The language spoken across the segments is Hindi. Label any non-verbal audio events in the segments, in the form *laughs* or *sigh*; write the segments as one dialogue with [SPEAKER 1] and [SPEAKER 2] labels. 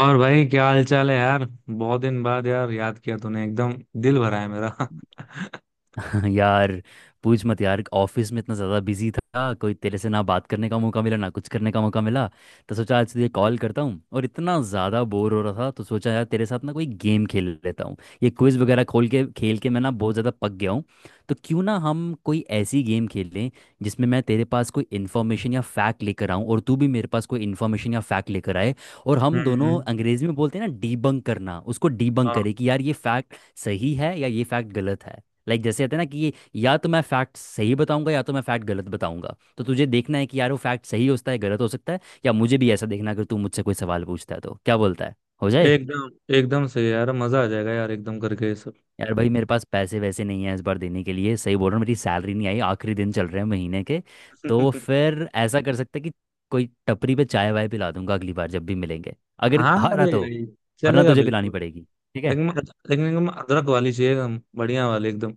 [SPEAKER 1] और भाई क्या हाल चाल है यार। बहुत दिन बाद यार, याद किया तूने एकदम। दिल भरा है मेरा *laughs*
[SPEAKER 2] *laughs* यार, पूछ मत यार। ऑफिस में इतना ज़्यादा बिजी था, कोई तेरे से ना बात करने का मौका मिला ना कुछ करने का मौका मिला। तो सोचा आज तुझे कॉल करता हूँ, और इतना ज़्यादा बोर हो रहा था तो सोचा यार तेरे साथ ना कोई गेम खेल लेता हूँ। ये क्विज वगैरह खोल के खेल के मैं ना बहुत ज़्यादा पक गया हूँ। तो क्यों ना हम कोई ऐसी गेम खेल लें, जिसमें मैं तेरे पास कोई इन्फॉर्मेशन या फैक्ट लेकर आऊँ और तू भी मेरे पास कोई इन्फॉर्मेशन या फैक्ट लेकर आए। और हम दोनों
[SPEAKER 1] हम्म।
[SPEAKER 2] अंग्रेजी में बोलते हैं ना, डीबंक करना, उसको डीबंक
[SPEAKER 1] हाँ,
[SPEAKER 2] करें कि यार ये फैक्ट सही है या ये फैक्ट गलत है। लाइक जैसे कहते हैं ना कि या तो मैं फैक्ट सही बताऊंगा या तो मैं फैक्ट गलत बताऊंगा, तो तुझे देखना है कि यार वो फैक्ट सही हो सकता है गलत हो सकता है। या मुझे भी ऐसा देखना है, अगर तू मुझसे कोई सवाल पूछता है तो क्या बोलता है। हो जाए।
[SPEAKER 1] एकदम एकदम सही है यार, मजा आ जाएगा यार, एकदम करके ये सब
[SPEAKER 2] यार भाई मेरे पास पैसे वैसे नहीं है इस बार देने के लिए, सही बोल रहा हूँ, मेरी सैलरी नहीं आई, आखिरी दिन चल रहे हैं महीने के। तो
[SPEAKER 1] *laughs*
[SPEAKER 2] फिर ऐसा कर सकते हैं कि कोई टपरी पे चाय वाय पिला दूंगा अगली बार जब भी मिलेंगे, अगर
[SPEAKER 1] हाँ
[SPEAKER 2] हारा
[SPEAKER 1] अरे
[SPEAKER 2] तो।
[SPEAKER 1] भाई,
[SPEAKER 2] वरना
[SPEAKER 1] चलेगा
[SPEAKER 2] तुझे पिलानी
[SPEAKER 1] बिल्कुल।
[SPEAKER 2] पड़ेगी। ठीक है।
[SPEAKER 1] लेकिन लेकिन एकदम अदरक वाली चाहिए, एकदम बढ़िया वाली एकदम।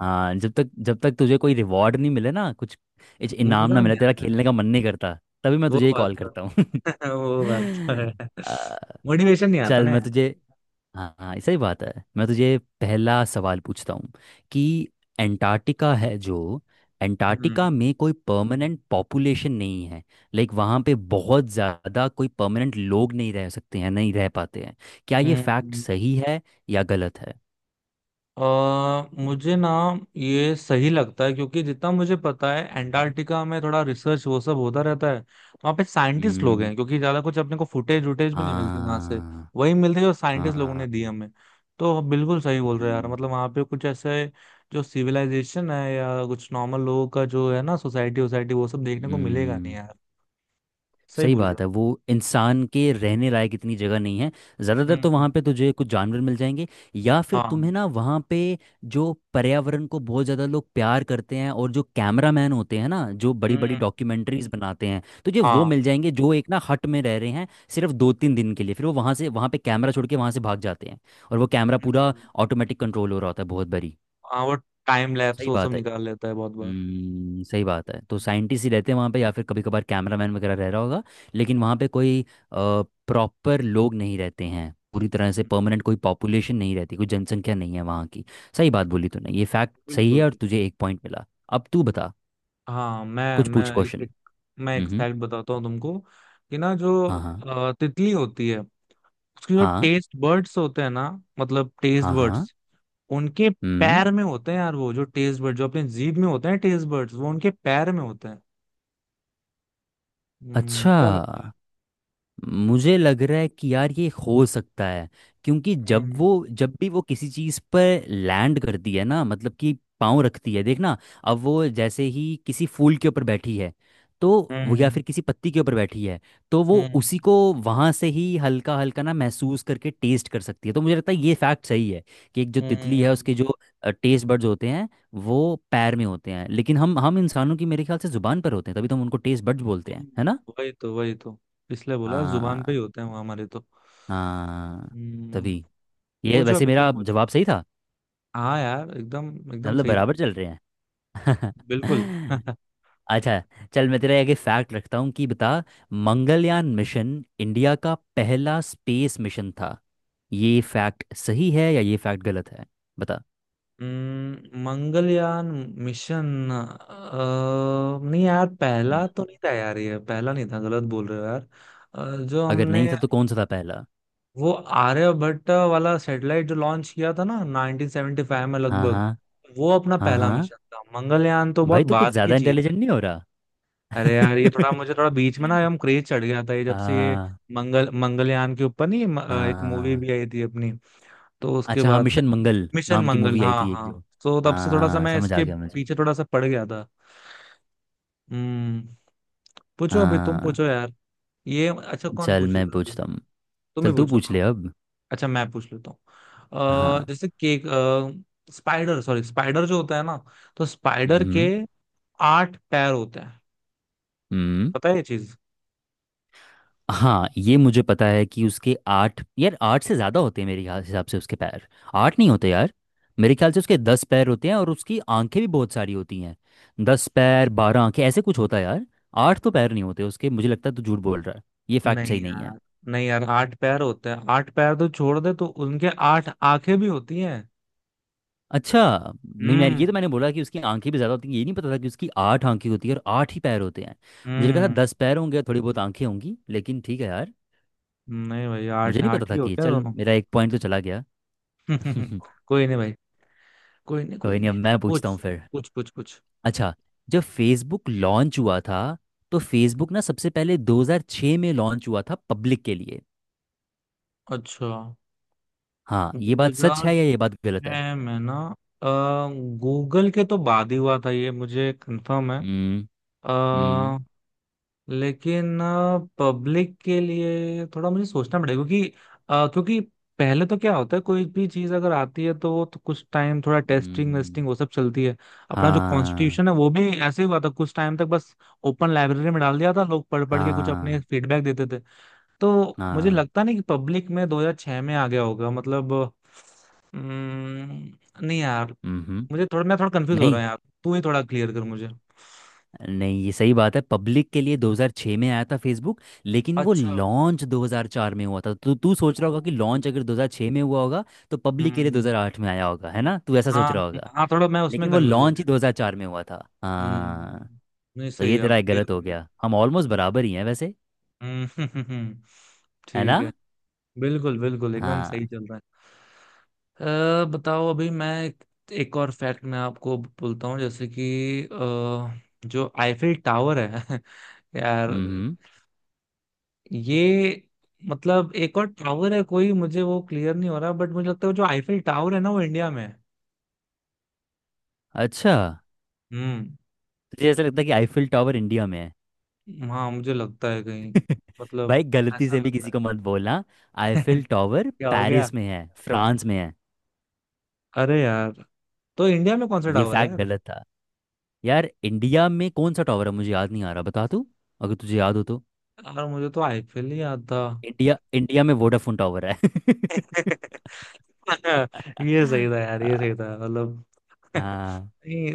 [SPEAKER 2] हाँ जब तक तुझे कोई रिवॉर्ड नहीं मिले ना, कुछ कुछ इनाम ना
[SPEAKER 1] मजा
[SPEAKER 2] मिले,
[SPEAKER 1] नहीं
[SPEAKER 2] तेरा
[SPEAKER 1] आता है।
[SPEAKER 2] खेलने का मन नहीं करता। तभी मैं
[SPEAKER 1] वो
[SPEAKER 2] तुझे ही
[SPEAKER 1] बात
[SPEAKER 2] कॉल
[SPEAKER 1] तो
[SPEAKER 2] करता हूँ।
[SPEAKER 1] *laughs*
[SPEAKER 2] *laughs*
[SPEAKER 1] वो बात तो है
[SPEAKER 2] अ,
[SPEAKER 1] *laughs* मोटिवेशन नहीं आता
[SPEAKER 2] चल
[SPEAKER 1] ना
[SPEAKER 2] मैं
[SPEAKER 1] यार।
[SPEAKER 2] तुझे, हाँ हाँ सही बात है, मैं तुझे पहला सवाल पूछता हूँ कि एंटार्क्टिका है जो, एंटार्क्टिका
[SPEAKER 1] हम्म।
[SPEAKER 2] में कोई परमानेंट पॉपुलेशन नहीं है। लाइक वहाँ पे बहुत ज़्यादा कोई परमानेंट लोग नहीं रह सकते हैं, नहीं रह पाते हैं। क्या ये फैक्ट
[SPEAKER 1] हम्म।
[SPEAKER 2] सही है या गलत है?
[SPEAKER 1] अ मुझे ना, ये सही लगता है क्योंकि जितना मुझे पता है एंटार्क्टिका में थोड़ा रिसर्च वो सब होता रहता है। वहाँ पे साइंटिस्ट लोग हैं,
[SPEAKER 2] हम्म।
[SPEAKER 1] क्योंकि ज्यादा कुछ अपने को फुटेज वुटेज भी नहीं मिलती वहां से।
[SPEAKER 2] हाँ।
[SPEAKER 1] वही मिलती है जो साइंटिस्ट लोगों ने
[SPEAKER 2] हाँ।
[SPEAKER 1] दी हमें। तो बिल्कुल सही बोल रहे हो यार, मतलब
[SPEAKER 2] हम्म।
[SPEAKER 1] वहाँ पे कुछ ऐसे जो सिविलाइजेशन है या कुछ नॉर्मल लोगों का जो है ना, सोसाइटी सोसाइटी वो सब देखने को मिलेगा नहीं
[SPEAKER 2] हम्म।
[SPEAKER 1] यार। सही
[SPEAKER 2] सही
[SPEAKER 1] बोल रहे
[SPEAKER 2] बात है वो, इंसान के रहने लायक इतनी जगह नहीं है।
[SPEAKER 1] हो।
[SPEAKER 2] ज़्यादातर तो वहाँ
[SPEAKER 1] हम्म।
[SPEAKER 2] पे तुझे कुछ जानवर मिल जाएंगे, या फिर तुम्हें
[SPEAKER 1] हाँ।
[SPEAKER 2] ना वहाँ पे जो पर्यावरण को बहुत ज़्यादा लोग प्यार करते हैं और जो कैमरामैन होते हैं ना जो बड़ी बड़ी
[SPEAKER 1] हम्म।
[SPEAKER 2] डॉक्यूमेंट्रीज बनाते हैं, तुझे वो
[SPEAKER 1] हाँ।
[SPEAKER 2] मिल जाएंगे जो एक ना हट में रह रहे हैं सिर्फ दो तीन दिन के लिए। फिर वो वहाँ से, वहाँ पे कैमरा छोड़ के वहाँ से भाग जाते हैं, और वो कैमरा पूरा
[SPEAKER 1] हम्म,
[SPEAKER 2] ऑटोमेटिक कंट्रोल हो रहा होता है, बहुत बड़ी।
[SPEAKER 1] हाँ, वो टाइम लैप्स
[SPEAKER 2] सही
[SPEAKER 1] वो सब
[SPEAKER 2] बात है।
[SPEAKER 1] निकाल लेता है बहुत बार।
[SPEAKER 2] सही बात है, तो
[SPEAKER 1] हम्म,
[SPEAKER 2] साइंटिस्ट ही रहते हैं वहाँ पे या फिर कभी कभार कैमरामैन वगैरह रह रहा होगा। लेकिन वहाँ पे कोई प्रॉपर लोग नहीं रहते हैं, पूरी तरह से परमानेंट कोई पॉपुलेशन नहीं रहती, कोई जनसंख्या नहीं है वहाँ की। सही बात बोली तूने, ये फैक्ट सही है
[SPEAKER 1] बिल्कुल।
[SPEAKER 2] और तुझे एक पॉइंट मिला। अब तू बता,
[SPEAKER 1] हाँ मैं
[SPEAKER 2] कुछ
[SPEAKER 1] मैं
[SPEAKER 2] पूछ। हम्म।
[SPEAKER 1] एक,
[SPEAKER 2] क्वेश्चन।
[SPEAKER 1] मैं
[SPEAKER 2] हम्म।
[SPEAKER 1] एक
[SPEAKER 2] हम्म।
[SPEAKER 1] फैक्ट बताता हूँ तुमको कि ना जो
[SPEAKER 2] हाँ हाँ
[SPEAKER 1] तितली होती है, उसके जो
[SPEAKER 2] हाँ
[SPEAKER 1] टेस्ट बर्ड्स होते हैं ना, मतलब टेस्ट
[SPEAKER 2] हाँ हाँ।
[SPEAKER 1] बर्ड्स उनके
[SPEAKER 2] हम्म।
[SPEAKER 1] पैर में होते हैं यार। वो जो टेस्ट बर्ड जो अपने जीभ में होते हैं टेस्ट बर्ड्स, वो उनके पैर में होते हैं। हम्म,
[SPEAKER 2] अच्छा,
[SPEAKER 1] क्या लगता
[SPEAKER 2] मुझे लग रहा है कि यार ये हो सकता है, क्योंकि
[SPEAKER 1] है। हम्म।
[SPEAKER 2] जब भी वो किसी चीज़ पर लैंड करती है ना, मतलब कि पाँव रखती है, देखना। अब वो जैसे ही किसी फूल के ऊपर बैठी है तो वो, या
[SPEAKER 1] हम्म।
[SPEAKER 2] फिर किसी पत्ती के ऊपर बैठी है, तो वो
[SPEAKER 1] हम्म।
[SPEAKER 2] उसी को वहाँ से ही हल्का हल्का ना महसूस करके टेस्ट कर सकती है। तो मुझे लगता है ये फैक्ट सही है, कि एक जो तितली है
[SPEAKER 1] हम्म।
[SPEAKER 2] उसके जो टेस्ट बड्स होते हैं वो पैर में होते हैं। लेकिन हम इंसानों की मेरे ख्याल से जुबान पर होते हैं, तभी तो हम उनको टेस्ट बड्स बोलते हैं,
[SPEAKER 1] हम्म,
[SPEAKER 2] है
[SPEAKER 1] वही तो इसलिए बोला जुबान पे
[SPEAKER 2] ना?
[SPEAKER 1] ही होते हैं वो हमारे तो।
[SPEAKER 2] हाँ।
[SPEAKER 1] हम्म।
[SPEAKER 2] तभी, ये
[SPEAKER 1] पूछो
[SPEAKER 2] वैसे
[SPEAKER 1] अभी
[SPEAKER 2] मेरा
[SPEAKER 1] तुम पूछो।
[SPEAKER 2] जवाब सही था,
[SPEAKER 1] हाँ यार एकदम एकदम
[SPEAKER 2] मतलब
[SPEAKER 1] सही था।
[SPEAKER 2] बराबर चल रहे हैं।
[SPEAKER 1] बिल्कुल
[SPEAKER 2] *laughs*
[SPEAKER 1] *laughs*
[SPEAKER 2] अच्छा, चल मैं तेरे आगे फैक्ट रखता हूँ कि बता, मंगलयान मिशन इंडिया का पहला स्पेस मिशन था। ये फैक्ट सही है या ये फैक्ट गलत है? बता।
[SPEAKER 1] मंगलयान मिशन। नहीं यार
[SPEAKER 2] हम्म।
[SPEAKER 1] पहला तो नहीं था यार, ये पहला नहीं था, गलत बोल रहे हो यार। जो
[SPEAKER 2] अगर
[SPEAKER 1] हमने
[SPEAKER 2] नहीं था तो कौन सा था पहला?
[SPEAKER 1] वो आर्यभट्ट वाला सैटेलाइट जो लॉन्च किया था ना, 1975 में
[SPEAKER 2] हाँ
[SPEAKER 1] लगभग।
[SPEAKER 2] हाँ
[SPEAKER 1] वो अपना
[SPEAKER 2] हाँ
[SPEAKER 1] पहला
[SPEAKER 2] हाँ।
[SPEAKER 1] मिशन था, मंगलयान तो बहुत
[SPEAKER 2] भाई तो कुछ
[SPEAKER 1] बात की
[SPEAKER 2] ज़्यादा
[SPEAKER 1] चीज है।
[SPEAKER 2] इंटेलिजेंट नहीं हो रहा।
[SPEAKER 1] अरे यार ये थोड़ा मुझे
[SPEAKER 2] *laughs*
[SPEAKER 1] थोड़ा बीच में ना हम क्रेज चढ़ गया था, ये जब से ये
[SPEAKER 2] हाँ।
[SPEAKER 1] मंगलयान के ऊपर नहीं म- अ, एक मूवी
[SPEAKER 2] हाँ
[SPEAKER 1] भी आई थी अपनी, तो उसके
[SPEAKER 2] अच्छा, हाँ,
[SPEAKER 1] बाद से।
[SPEAKER 2] मिशन मंगल
[SPEAKER 1] मिशन
[SPEAKER 2] नाम की
[SPEAKER 1] मंगल
[SPEAKER 2] मूवी आई
[SPEAKER 1] हाँ
[SPEAKER 2] थी एक
[SPEAKER 1] हाँ,
[SPEAKER 2] जो,
[SPEAKER 1] तो तब से थोड़ा सा
[SPEAKER 2] हाँ
[SPEAKER 1] मैं
[SPEAKER 2] समझ आ
[SPEAKER 1] इसके
[SPEAKER 2] गया मुझे।
[SPEAKER 1] पीछे थोड़ा सा पड़ गया था। हम्म। पूछो अभी तुम
[SPEAKER 2] हाँ।
[SPEAKER 1] पूछो यार। ये अच्छा कौन
[SPEAKER 2] चल मैं
[SPEAKER 1] पूछेगा अभी।
[SPEAKER 2] पूछता हूँ।
[SPEAKER 1] तुम ही
[SPEAKER 2] चल तू
[SPEAKER 1] पूछो
[SPEAKER 2] पूछ
[SPEAKER 1] हाँ।
[SPEAKER 2] ले अब।
[SPEAKER 1] अच्छा मैं पूछ लेता हूँ।
[SPEAKER 2] हाँ।
[SPEAKER 1] अ, जैसे केक स्पाइडर सॉरी, स्पाइडर जो होता है ना, तो स्पाइडर के
[SPEAKER 2] हम्म।
[SPEAKER 1] आठ पैर होते हैं,
[SPEAKER 2] हम्म।
[SPEAKER 1] पता है ये चीज।
[SPEAKER 2] हाँ, ये मुझे पता है कि उसके आठ, यार आठ से ज़्यादा होते हैं मेरे ख्याल हिसाब से उसके पैर। आठ नहीं होते यार, मेरे ख्याल से उसके 10 पैर होते हैं और उसकी आंखें भी बहुत सारी होती हैं। 10 पैर 12 आंखें ऐसे कुछ होता है यार। आठ तो पैर नहीं होते उसके, मुझे लगता है तू झूठ बोल रहा है, ये फैक्ट
[SPEAKER 1] नहीं
[SPEAKER 2] सही नहीं है।
[SPEAKER 1] यार, नहीं यार आठ पैर होते हैं, आठ पैर तो छोड़ दे, तो उनके आठ आंखें भी होती हैं।
[SPEAKER 2] अच्छा। नहीं, मैं ये तो
[SPEAKER 1] हम्म।
[SPEAKER 2] मैंने बोला कि उसकी आंखें भी ज़्यादा होती हैं, ये नहीं पता था कि उसकी आठ आंखें होती है और आठ ही पैर होते हैं। मुझे लगा था
[SPEAKER 1] हम्म।
[SPEAKER 2] 10 पैर होंगे और थोड़ी बहुत आंखें होंगी, लेकिन ठीक है यार।
[SPEAKER 1] नहीं भाई,
[SPEAKER 2] मुझे
[SPEAKER 1] आठ
[SPEAKER 2] नहीं पता
[SPEAKER 1] आठ ही
[SPEAKER 2] था कि ये,
[SPEAKER 1] होते हैं
[SPEAKER 2] चल
[SPEAKER 1] दोनों
[SPEAKER 2] मेरा एक पॉइंट तो चला गया।
[SPEAKER 1] *laughs*
[SPEAKER 2] *laughs*
[SPEAKER 1] कोई नहीं भाई, कोई नहीं कोई
[SPEAKER 2] कोई नहीं,
[SPEAKER 1] नहीं,
[SPEAKER 2] अब मैं
[SPEAKER 1] अब
[SPEAKER 2] पूछता हूँ
[SPEAKER 1] पूछ।
[SPEAKER 2] फिर।
[SPEAKER 1] पूछ पूछ पूछ।
[SPEAKER 2] अच्छा, जब फेसबुक लॉन्च हुआ था, तो फेसबुक ना सबसे पहले 2006 में लॉन्च हुआ था पब्लिक के लिए।
[SPEAKER 1] अच्छा।
[SPEAKER 2] हाँ ये बात सच है या ये बात गलत है?
[SPEAKER 1] 2006 में ना, गूगल के तो बाद ही हुआ था ये मुझे कंफर्म है।
[SPEAKER 2] हम्म। हम्म।
[SPEAKER 1] अ, लेकिन पब्लिक के लिए थोड़ा मुझे सोचना पड़ेगा क्योंकि, क्योंकि पहले तो क्या होता है, कोई भी चीज अगर आती है तो वो तो कुछ टाइम थोड़ा टेस्टिंग
[SPEAKER 2] हम्म।
[SPEAKER 1] वेस्टिंग वो सब चलती है। अपना जो
[SPEAKER 2] हाँ
[SPEAKER 1] कॉन्स्टिट्यूशन है वो भी ऐसे ही हुआ था, कुछ टाइम तक बस ओपन लाइब्रेरी में डाल दिया था, लोग पढ़ पढ़ के कुछ अपने
[SPEAKER 2] हाँ
[SPEAKER 1] फीडबैक देते थे। तो मुझे
[SPEAKER 2] हाँ।
[SPEAKER 1] लगता नहीं कि पब्लिक में 2006 में आ गया होगा, मतलब अम्म, नहीं यार,
[SPEAKER 2] हम्म।
[SPEAKER 1] मुझे थोड़ा मैं थोड़ा कंफ्यूज हो रहा
[SPEAKER 2] नहीं
[SPEAKER 1] हूँ यार। तू ही थोड़ा क्लियर कर मुझे।
[SPEAKER 2] नहीं ये सही बात है, पब्लिक के लिए 2006 में आया था फेसबुक, लेकिन वो
[SPEAKER 1] अच्छा।
[SPEAKER 2] लॉन्च 2004 में हुआ था। तो तू सोच रहा होगा कि
[SPEAKER 1] ओ।
[SPEAKER 2] लॉन्च अगर 2006 में हुआ होगा तो पब्लिक के लिए
[SPEAKER 1] हम्म।
[SPEAKER 2] 2008 में आया होगा, है ना? तू ऐसा सोच
[SPEAKER 1] हाँ।
[SPEAKER 2] रहा होगा,
[SPEAKER 1] हाँ थोड़ा मैं उसमें
[SPEAKER 2] लेकिन वो
[SPEAKER 1] कंफ्यूज हो
[SPEAKER 2] लॉन्च ही
[SPEAKER 1] गया।
[SPEAKER 2] 2004 में हुआ था। हाँ।
[SPEAKER 1] हम्म। नहीं
[SPEAKER 2] तो
[SPEAKER 1] सही
[SPEAKER 2] ये
[SPEAKER 1] है, अब
[SPEAKER 2] तेरा एक
[SPEAKER 1] clear
[SPEAKER 2] गलत
[SPEAKER 1] हो
[SPEAKER 2] हो
[SPEAKER 1] गया।
[SPEAKER 2] गया, हम ऑलमोस्ट बराबर ही हैं वैसे,
[SPEAKER 1] हम्म *laughs*
[SPEAKER 2] है
[SPEAKER 1] ठीक
[SPEAKER 2] ना?
[SPEAKER 1] है, बिल्कुल बिल्कुल एकदम सही
[SPEAKER 2] हाँ।
[SPEAKER 1] चल रहा है। बताओ अभी, मैं एक, एक और फैक्ट मैं आपको बोलता हूँ, जैसे कि जो आईफिल टावर है *laughs* यार,
[SPEAKER 2] हम्म।
[SPEAKER 1] ये मतलब एक और टावर है कोई, मुझे वो क्लियर नहीं हो रहा, बट मुझे लगता है जो आईफिल टावर है ना, वो इंडिया में है।
[SPEAKER 2] अच्छा,
[SPEAKER 1] हम्म।
[SPEAKER 2] तुझे ऐसा लगता है कि आईफिल टावर इंडिया में है?
[SPEAKER 1] हाँ मुझे लगता है कहीं।
[SPEAKER 2] *laughs*
[SPEAKER 1] मतलब
[SPEAKER 2] भाई गलती
[SPEAKER 1] ऐसा
[SPEAKER 2] से भी किसी
[SPEAKER 1] लगता
[SPEAKER 2] को मत बोलना,
[SPEAKER 1] है *laughs*
[SPEAKER 2] आईफिल टावर
[SPEAKER 1] क्या हो गया,
[SPEAKER 2] पेरिस में है, फ्रांस में है।
[SPEAKER 1] अरे यार। तो इंडिया में कौन सा
[SPEAKER 2] ये
[SPEAKER 1] टावर है
[SPEAKER 2] फैक्ट
[SPEAKER 1] यार।
[SPEAKER 2] गलत था। यार इंडिया में कौन सा टावर है मुझे याद नहीं आ रहा, बता तू, अगर तुझे याद हो तो।
[SPEAKER 1] यार मुझे तो आईपीएल ही याद था
[SPEAKER 2] इंडिया, इंडिया में वोडाफोन टावर है।
[SPEAKER 1] *laughs* ये सही
[SPEAKER 2] *laughs*
[SPEAKER 1] था यार ये सही
[SPEAKER 2] हाँ
[SPEAKER 1] था मतलब *laughs*
[SPEAKER 2] हाँ
[SPEAKER 1] नहीं,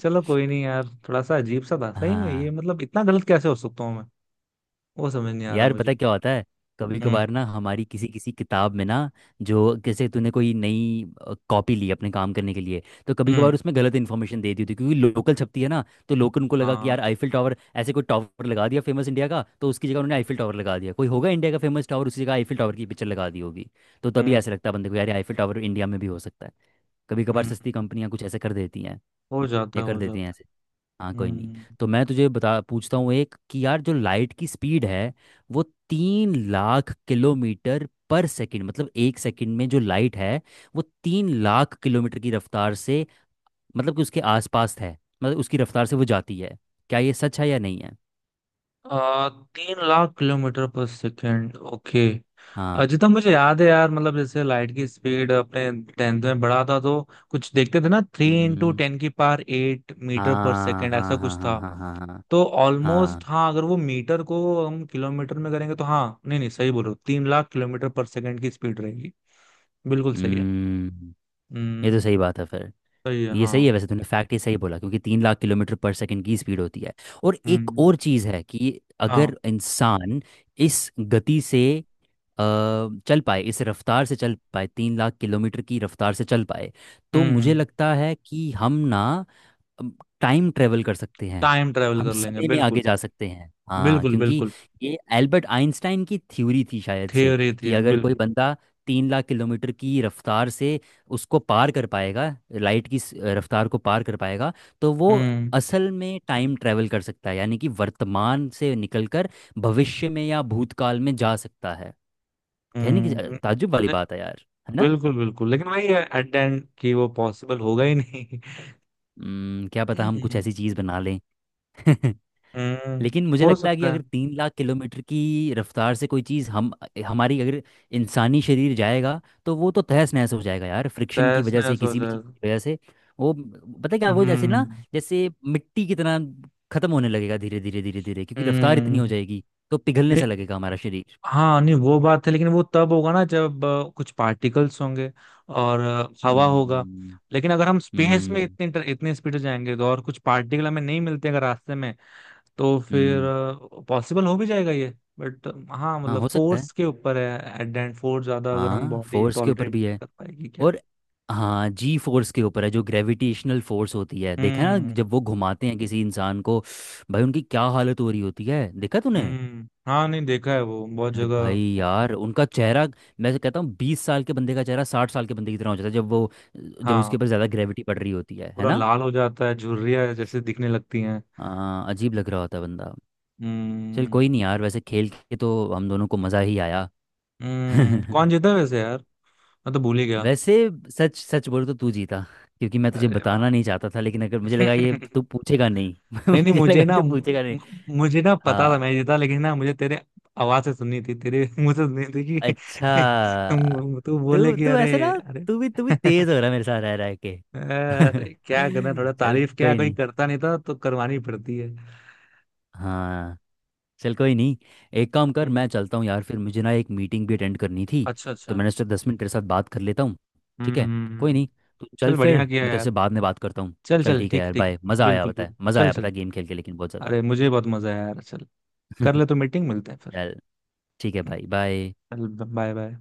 [SPEAKER 1] चलो कोई नहीं यार, थोड़ा सा अजीब सा था सही में ये,
[SPEAKER 2] हाँ।
[SPEAKER 1] मतलब इतना गलत कैसे हो सकता हूँ मैं, वो समझ नहीं आ रहा
[SPEAKER 2] यार
[SPEAKER 1] मुझे।
[SPEAKER 2] पता क्या होता है, कभी
[SPEAKER 1] हम्म।
[SPEAKER 2] कभार ना हमारी किसी किसी किताब में ना, जो जैसे तूने कोई नई कॉपी ली अपने काम करने के लिए, तो कभी
[SPEAKER 1] हम्म।
[SPEAKER 2] कभार उसमें गलत इन्फॉर्मेशन दे दी होती है, क्योंकि लोकल छपती है ना, तो लोकल को लगा कि
[SPEAKER 1] हाँ।
[SPEAKER 2] यार आईफिल टावर, ऐसे कोई टावर लगा दिया फेमस इंडिया का, तो उसकी जगह उन्होंने आईफिल टावर लगा दिया। कोई होगा इंडिया का फेमस टावर, उसकी जगह आईफिल टावर की पिक्चर लगा दी होगी। तो तभी
[SPEAKER 1] हम्म।
[SPEAKER 2] ऐसा लगता है बंदे को यार आईफिल टावर इंडिया में भी हो सकता है। कभी कभार
[SPEAKER 1] हम्म।
[SPEAKER 2] सस्ती कंपनियां कुछ ऐसे कर देती हैं,
[SPEAKER 1] हो जाता
[SPEAKER 2] या
[SPEAKER 1] है
[SPEAKER 2] कर
[SPEAKER 1] हो
[SPEAKER 2] देती हैं
[SPEAKER 1] जाता
[SPEAKER 2] ऐसे। हाँ
[SPEAKER 1] है।
[SPEAKER 2] कोई नहीं।
[SPEAKER 1] हम्म।
[SPEAKER 2] तो मैं तुझे बता, पूछता हूँ एक कि यार जो लाइट की स्पीड है, वो 3,00,000 किलोमीटर पर सेकंड, मतलब एक सेकंड में जो लाइट है वो 3,00,000 किलोमीटर की रफ्तार से, मतलब कि उसके आसपास है, मतलब उसकी रफ्तार से वो जाती है। क्या ये सच है या नहीं है?
[SPEAKER 1] आ, तीन lakh kilometre per second, okay.
[SPEAKER 2] हाँ।
[SPEAKER 1] अजितम मुझे याद है यार, मतलब जैसे लाइट की स्पीड अपने टेंथ में बढ़ा था तो कुछ देखते थे ना, थ्री इंटू
[SPEAKER 2] हम्म।
[SPEAKER 1] टेन की पावर एट मीटर पर
[SPEAKER 2] हाँ
[SPEAKER 1] सेकेंड, ऐसा
[SPEAKER 2] हाँ हाँ
[SPEAKER 1] कुछ
[SPEAKER 2] हाँ
[SPEAKER 1] था।
[SPEAKER 2] हाँ हाँ हाँ।
[SPEAKER 1] तो ऑलमोस्ट
[SPEAKER 2] हाँ।
[SPEAKER 1] हाँ, अगर वो मीटर को हम किलोमीटर में करेंगे तो हाँ, नहीं नहीं सही बोलो, तीन लाख किलोमीटर पर सेकेंड की स्पीड रहेगी, बिल्कुल सही है।
[SPEAKER 2] हम्म। ये तो
[SPEAKER 1] हम्म।
[SPEAKER 2] सही बात है फिर।
[SPEAKER 1] सही है
[SPEAKER 2] ये
[SPEAKER 1] हाँ।
[SPEAKER 2] सही है वैसे, तूने फैक्ट ये सही बोला, क्योंकि 3,00,000 किलोमीटर पर सेकंड की स्पीड होती है। और एक
[SPEAKER 1] हम्म।
[SPEAKER 2] और चीज़ है कि
[SPEAKER 1] हाँ।
[SPEAKER 2] अगर इंसान इस गति से अ, चल पाए, इस रफ्तार से चल पाए, 3,00,000 किलोमीटर की रफ्तार से चल पाए, तो मुझे
[SPEAKER 1] हम्म।
[SPEAKER 2] लगता है कि हम ना टाइम ट्रेवल कर सकते हैं।
[SPEAKER 1] टाइम ट्रेवल
[SPEAKER 2] हम
[SPEAKER 1] कर लेंगे
[SPEAKER 2] समय में आगे
[SPEAKER 1] बिल्कुल।
[SPEAKER 2] जा सकते हैं, हाँ,
[SPEAKER 1] बिल्कुल
[SPEAKER 2] क्योंकि
[SPEAKER 1] बिल्कुल।
[SPEAKER 2] ये एल्बर्ट आइंस्टाइन की थ्योरी थी शायद से,
[SPEAKER 1] थियोरी थी
[SPEAKER 2] कि अगर कोई
[SPEAKER 1] बिल्कुल।
[SPEAKER 2] बंदा 3,00,000 किलोमीटर की रफ्तार से उसको पार कर पाएगा, लाइट की रफ्तार को पार कर पाएगा, तो वो
[SPEAKER 1] हम्म।
[SPEAKER 2] असल में टाइम ट्रेवल कर सकता है, यानी कि वर्तमान से निकलकर भविष्य में या भूतकाल में जा सकता है। कहने की
[SPEAKER 1] हम्म।
[SPEAKER 2] ताज्जुब वाली बात है यार, है ना?
[SPEAKER 1] बिल्कुल बिल्कुल, लेकिन वही है एट द एंड कि वो पॉसिबल होगा ही नहीं।
[SPEAKER 2] हम्म। क्या पता हम कुछ
[SPEAKER 1] हम्म।
[SPEAKER 2] ऐसी चीज़ बना लें। *laughs*
[SPEAKER 1] हम्म।
[SPEAKER 2] लेकिन मुझे
[SPEAKER 1] हो
[SPEAKER 2] लगता है कि
[SPEAKER 1] सकता है।
[SPEAKER 2] अगर 3,00,000 किलोमीटर की रफ्तार से कोई चीज़ हम, हमारी अगर इंसानी शरीर जाएगा, तो वो तो तहस नहस हो जाएगा यार, फ्रिक्शन की
[SPEAKER 1] तहस
[SPEAKER 2] वजह से,
[SPEAKER 1] नहस हो
[SPEAKER 2] किसी भी चीज़
[SPEAKER 1] जाएगा।
[SPEAKER 2] की वजह से। वो पता है क्या, वो जैसे
[SPEAKER 1] हम्म।
[SPEAKER 2] ना जैसे मिट्टी की तरह खत्म होने लगेगा धीरे धीरे धीरे धीरे, क्योंकि रफ्तार इतनी हो
[SPEAKER 1] हम्म।
[SPEAKER 2] जाएगी, तो पिघलने
[SPEAKER 1] नहीं,
[SPEAKER 2] सा लगेगा हमारा शरीर।
[SPEAKER 1] हाँ नहीं वो बात है, लेकिन वो तब होगा ना जब कुछ पार्टिकल्स होंगे और हवा होगा।
[SPEAKER 2] हम्म।
[SPEAKER 1] लेकिन अगर हम स्पेस में
[SPEAKER 2] हम्म।
[SPEAKER 1] इतने स्पीड जाएंगे, तो और कुछ पार्टिकल हमें नहीं मिलते अगर रास्ते में, तो फिर
[SPEAKER 2] हम्म।
[SPEAKER 1] पॉसिबल हो भी जाएगा ये। बट हाँ
[SPEAKER 2] हाँ
[SPEAKER 1] मतलब
[SPEAKER 2] हो सकता है,
[SPEAKER 1] फोर्स के ऊपर है एट द एंड, फोर्स ज्यादा अगर हम
[SPEAKER 2] हाँ
[SPEAKER 1] बॉडी
[SPEAKER 2] फोर्स के ऊपर
[SPEAKER 1] टॉलरेट
[SPEAKER 2] भी है,
[SPEAKER 1] कर पाएगी।
[SPEAKER 2] और, हाँ जी फोर्स के ऊपर है, जो ग्रेविटेशनल फोर्स होती है, देखा है ना
[SPEAKER 1] हम्म।
[SPEAKER 2] जब वो घुमाते हैं किसी इंसान को, भाई उनकी क्या हालत हो रही होती है, देखा तूने?
[SPEAKER 1] हम्म। हाँ नहीं, देखा है वो बहुत
[SPEAKER 2] अरे भाई
[SPEAKER 1] जगह।
[SPEAKER 2] यार उनका चेहरा, मैं तो कहता हूँ 20 साल के बंदे का चेहरा 60 साल के बंदे की तरह हो जाता है, जब वो, जब उसके
[SPEAKER 1] हाँ,
[SPEAKER 2] ऊपर ज़्यादा ग्रेविटी पड़ रही होती है
[SPEAKER 1] पूरा
[SPEAKER 2] ना?
[SPEAKER 1] लाल हो जाता है, झुर्रियाँ जैसे दिखने लगती हैं।
[SPEAKER 2] हाँ, अजीब लग रहा होता है बंदा। चल
[SPEAKER 1] हम्म।
[SPEAKER 2] कोई नहीं यार, वैसे खेल के तो हम दोनों को मज़ा ही आया। *laughs*
[SPEAKER 1] हम्म, कौन जीता है वैसे यार, मैं तो भूल ही गया।
[SPEAKER 2] वैसे सच सच बोलूं तो तू जीता, क्योंकि मैं तुझे
[SPEAKER 1] अरे वाह
[SPEAKER 2] बताना नहीं चाहता था, लेकिन अगर मुझे लगा ये
[SPEAKER 1] *laughs*
[SPEAKER 2] तू पूछेगा नहीं, *laughs*
[SPEAKER 1] नहीं नहीं
[SPEAKER 2] मुझे
[SPEAKER 1] मुझे
[SPEAKER 2] लगा
[SPEAKER 1] ना
[SPEAKER 2] तू पूछेगा नहीं।
[SPEAKER 1] मुझे ना पता था
[SPEAKER 2] हाँ।
[SPEAKER 1] मैं जीता, लेकिन ना मुझे तेरे आवाज से सुननी थी, तेरे *laughs* मुंह से सुननी थी
[SPEAKER 2] अच्छा।
[SPEAKER 1] कि *laughs* तू बोले
[SPEAKER 2] तू
[SPEAKER 1] कि
[SPEAKER 2] तू
[SPEAKER 1] अरे।
[SPEAKER 2] ऐसे ना,
[SPEAKER 1] अरे
[SPEAKER 2] तू भी
[SPEAKER 1] *laughs*
[SPEAKER 2] तेज हो रहा है मेरे साथ रह रह के।
[SPEAKER 1] अरे क्या करना,
[SPEAKER 2] *laughs*
[SPEAKER 1] थोड़ा
[SPEAKER 2] चल
[SPEAKER 1] तारीफ क्या
[SPEAKER 2] कोई
[SPEAKER 1] कोई
[SPEAKER 2] नहीं।
[SPEAKER 1] करता नहीं था तो करवानी पड़ती है।
[SPEAKER 2] हाँ, चल कोई नहीं, एक काम कर, मैं
[SPEAKER 1] हम्म,
[SPEAKER 2] चलता हूँ यार, फिर मुझे ना एक मीटिंग भी अटेंड करनी थी,
[SPEAKER 1] अच्छा
[SPEAKER 2] तो
[SPEAKER 1] अच्छा।
[SPEAKER 2] मैंने सोचा 10 मिनट तेरे साथ बात कर लेता हूँ।
[SPEAKER 1] हम्म।
[SPEAKER 2] ठीक है,
[SPEAKER 1] हम्म।
[SPEAKER 2] कोई
[SPEAKER 1] हम्म।
[SPEAKER 2] नहीं, तो चल
[SPEAKER 1] चल
[SPEAKER 2] फिर
[SPEAKER 1] बढ़िया किया
[SPEAKER 2] मैं तेरे से
[SPEAKER 1] यार,
[SPEAKER 2] बाद में बात करता हूँ।
[SPEAKER 1] चल
[SPEAKER 2] चल
[SPEAKER 1] चल
[SPEAKER 2] ठीक है
[SPEAKER 1] ठीक
[SPEAKER 2] यार,
[SPEAKER 1] ठीक।
[SPEAKER 2] बाय। मज़ा आया
[SPEAKER 1] बिल्कुल
[SPEAKER 2] पता
[SPEAKER 1] बिल्कुल
[SPEAKER 2] है, मज़ा
[SPEAKER 1] चल
[SPEAKER 2] आया पता
[SPEAKER 1] चल।
[SPEAKER 2] है गेम खेल के, लेकिन बहुत ज़्यादा।
[SPEAKER 1] अरे मुझे बहुत मजा आया यार, चल कर ले तो
[SPEAKER 2] *laughs*
[SPEAKER 1] मीटिंग, मिलते हैं फिर।
[SPEAKER 2] चल ठीक है
[SPEAKER 1] हम्म,
[SPEAKER 2] भाई, बाय।
[SPEAKER 1] चल। Bye bye.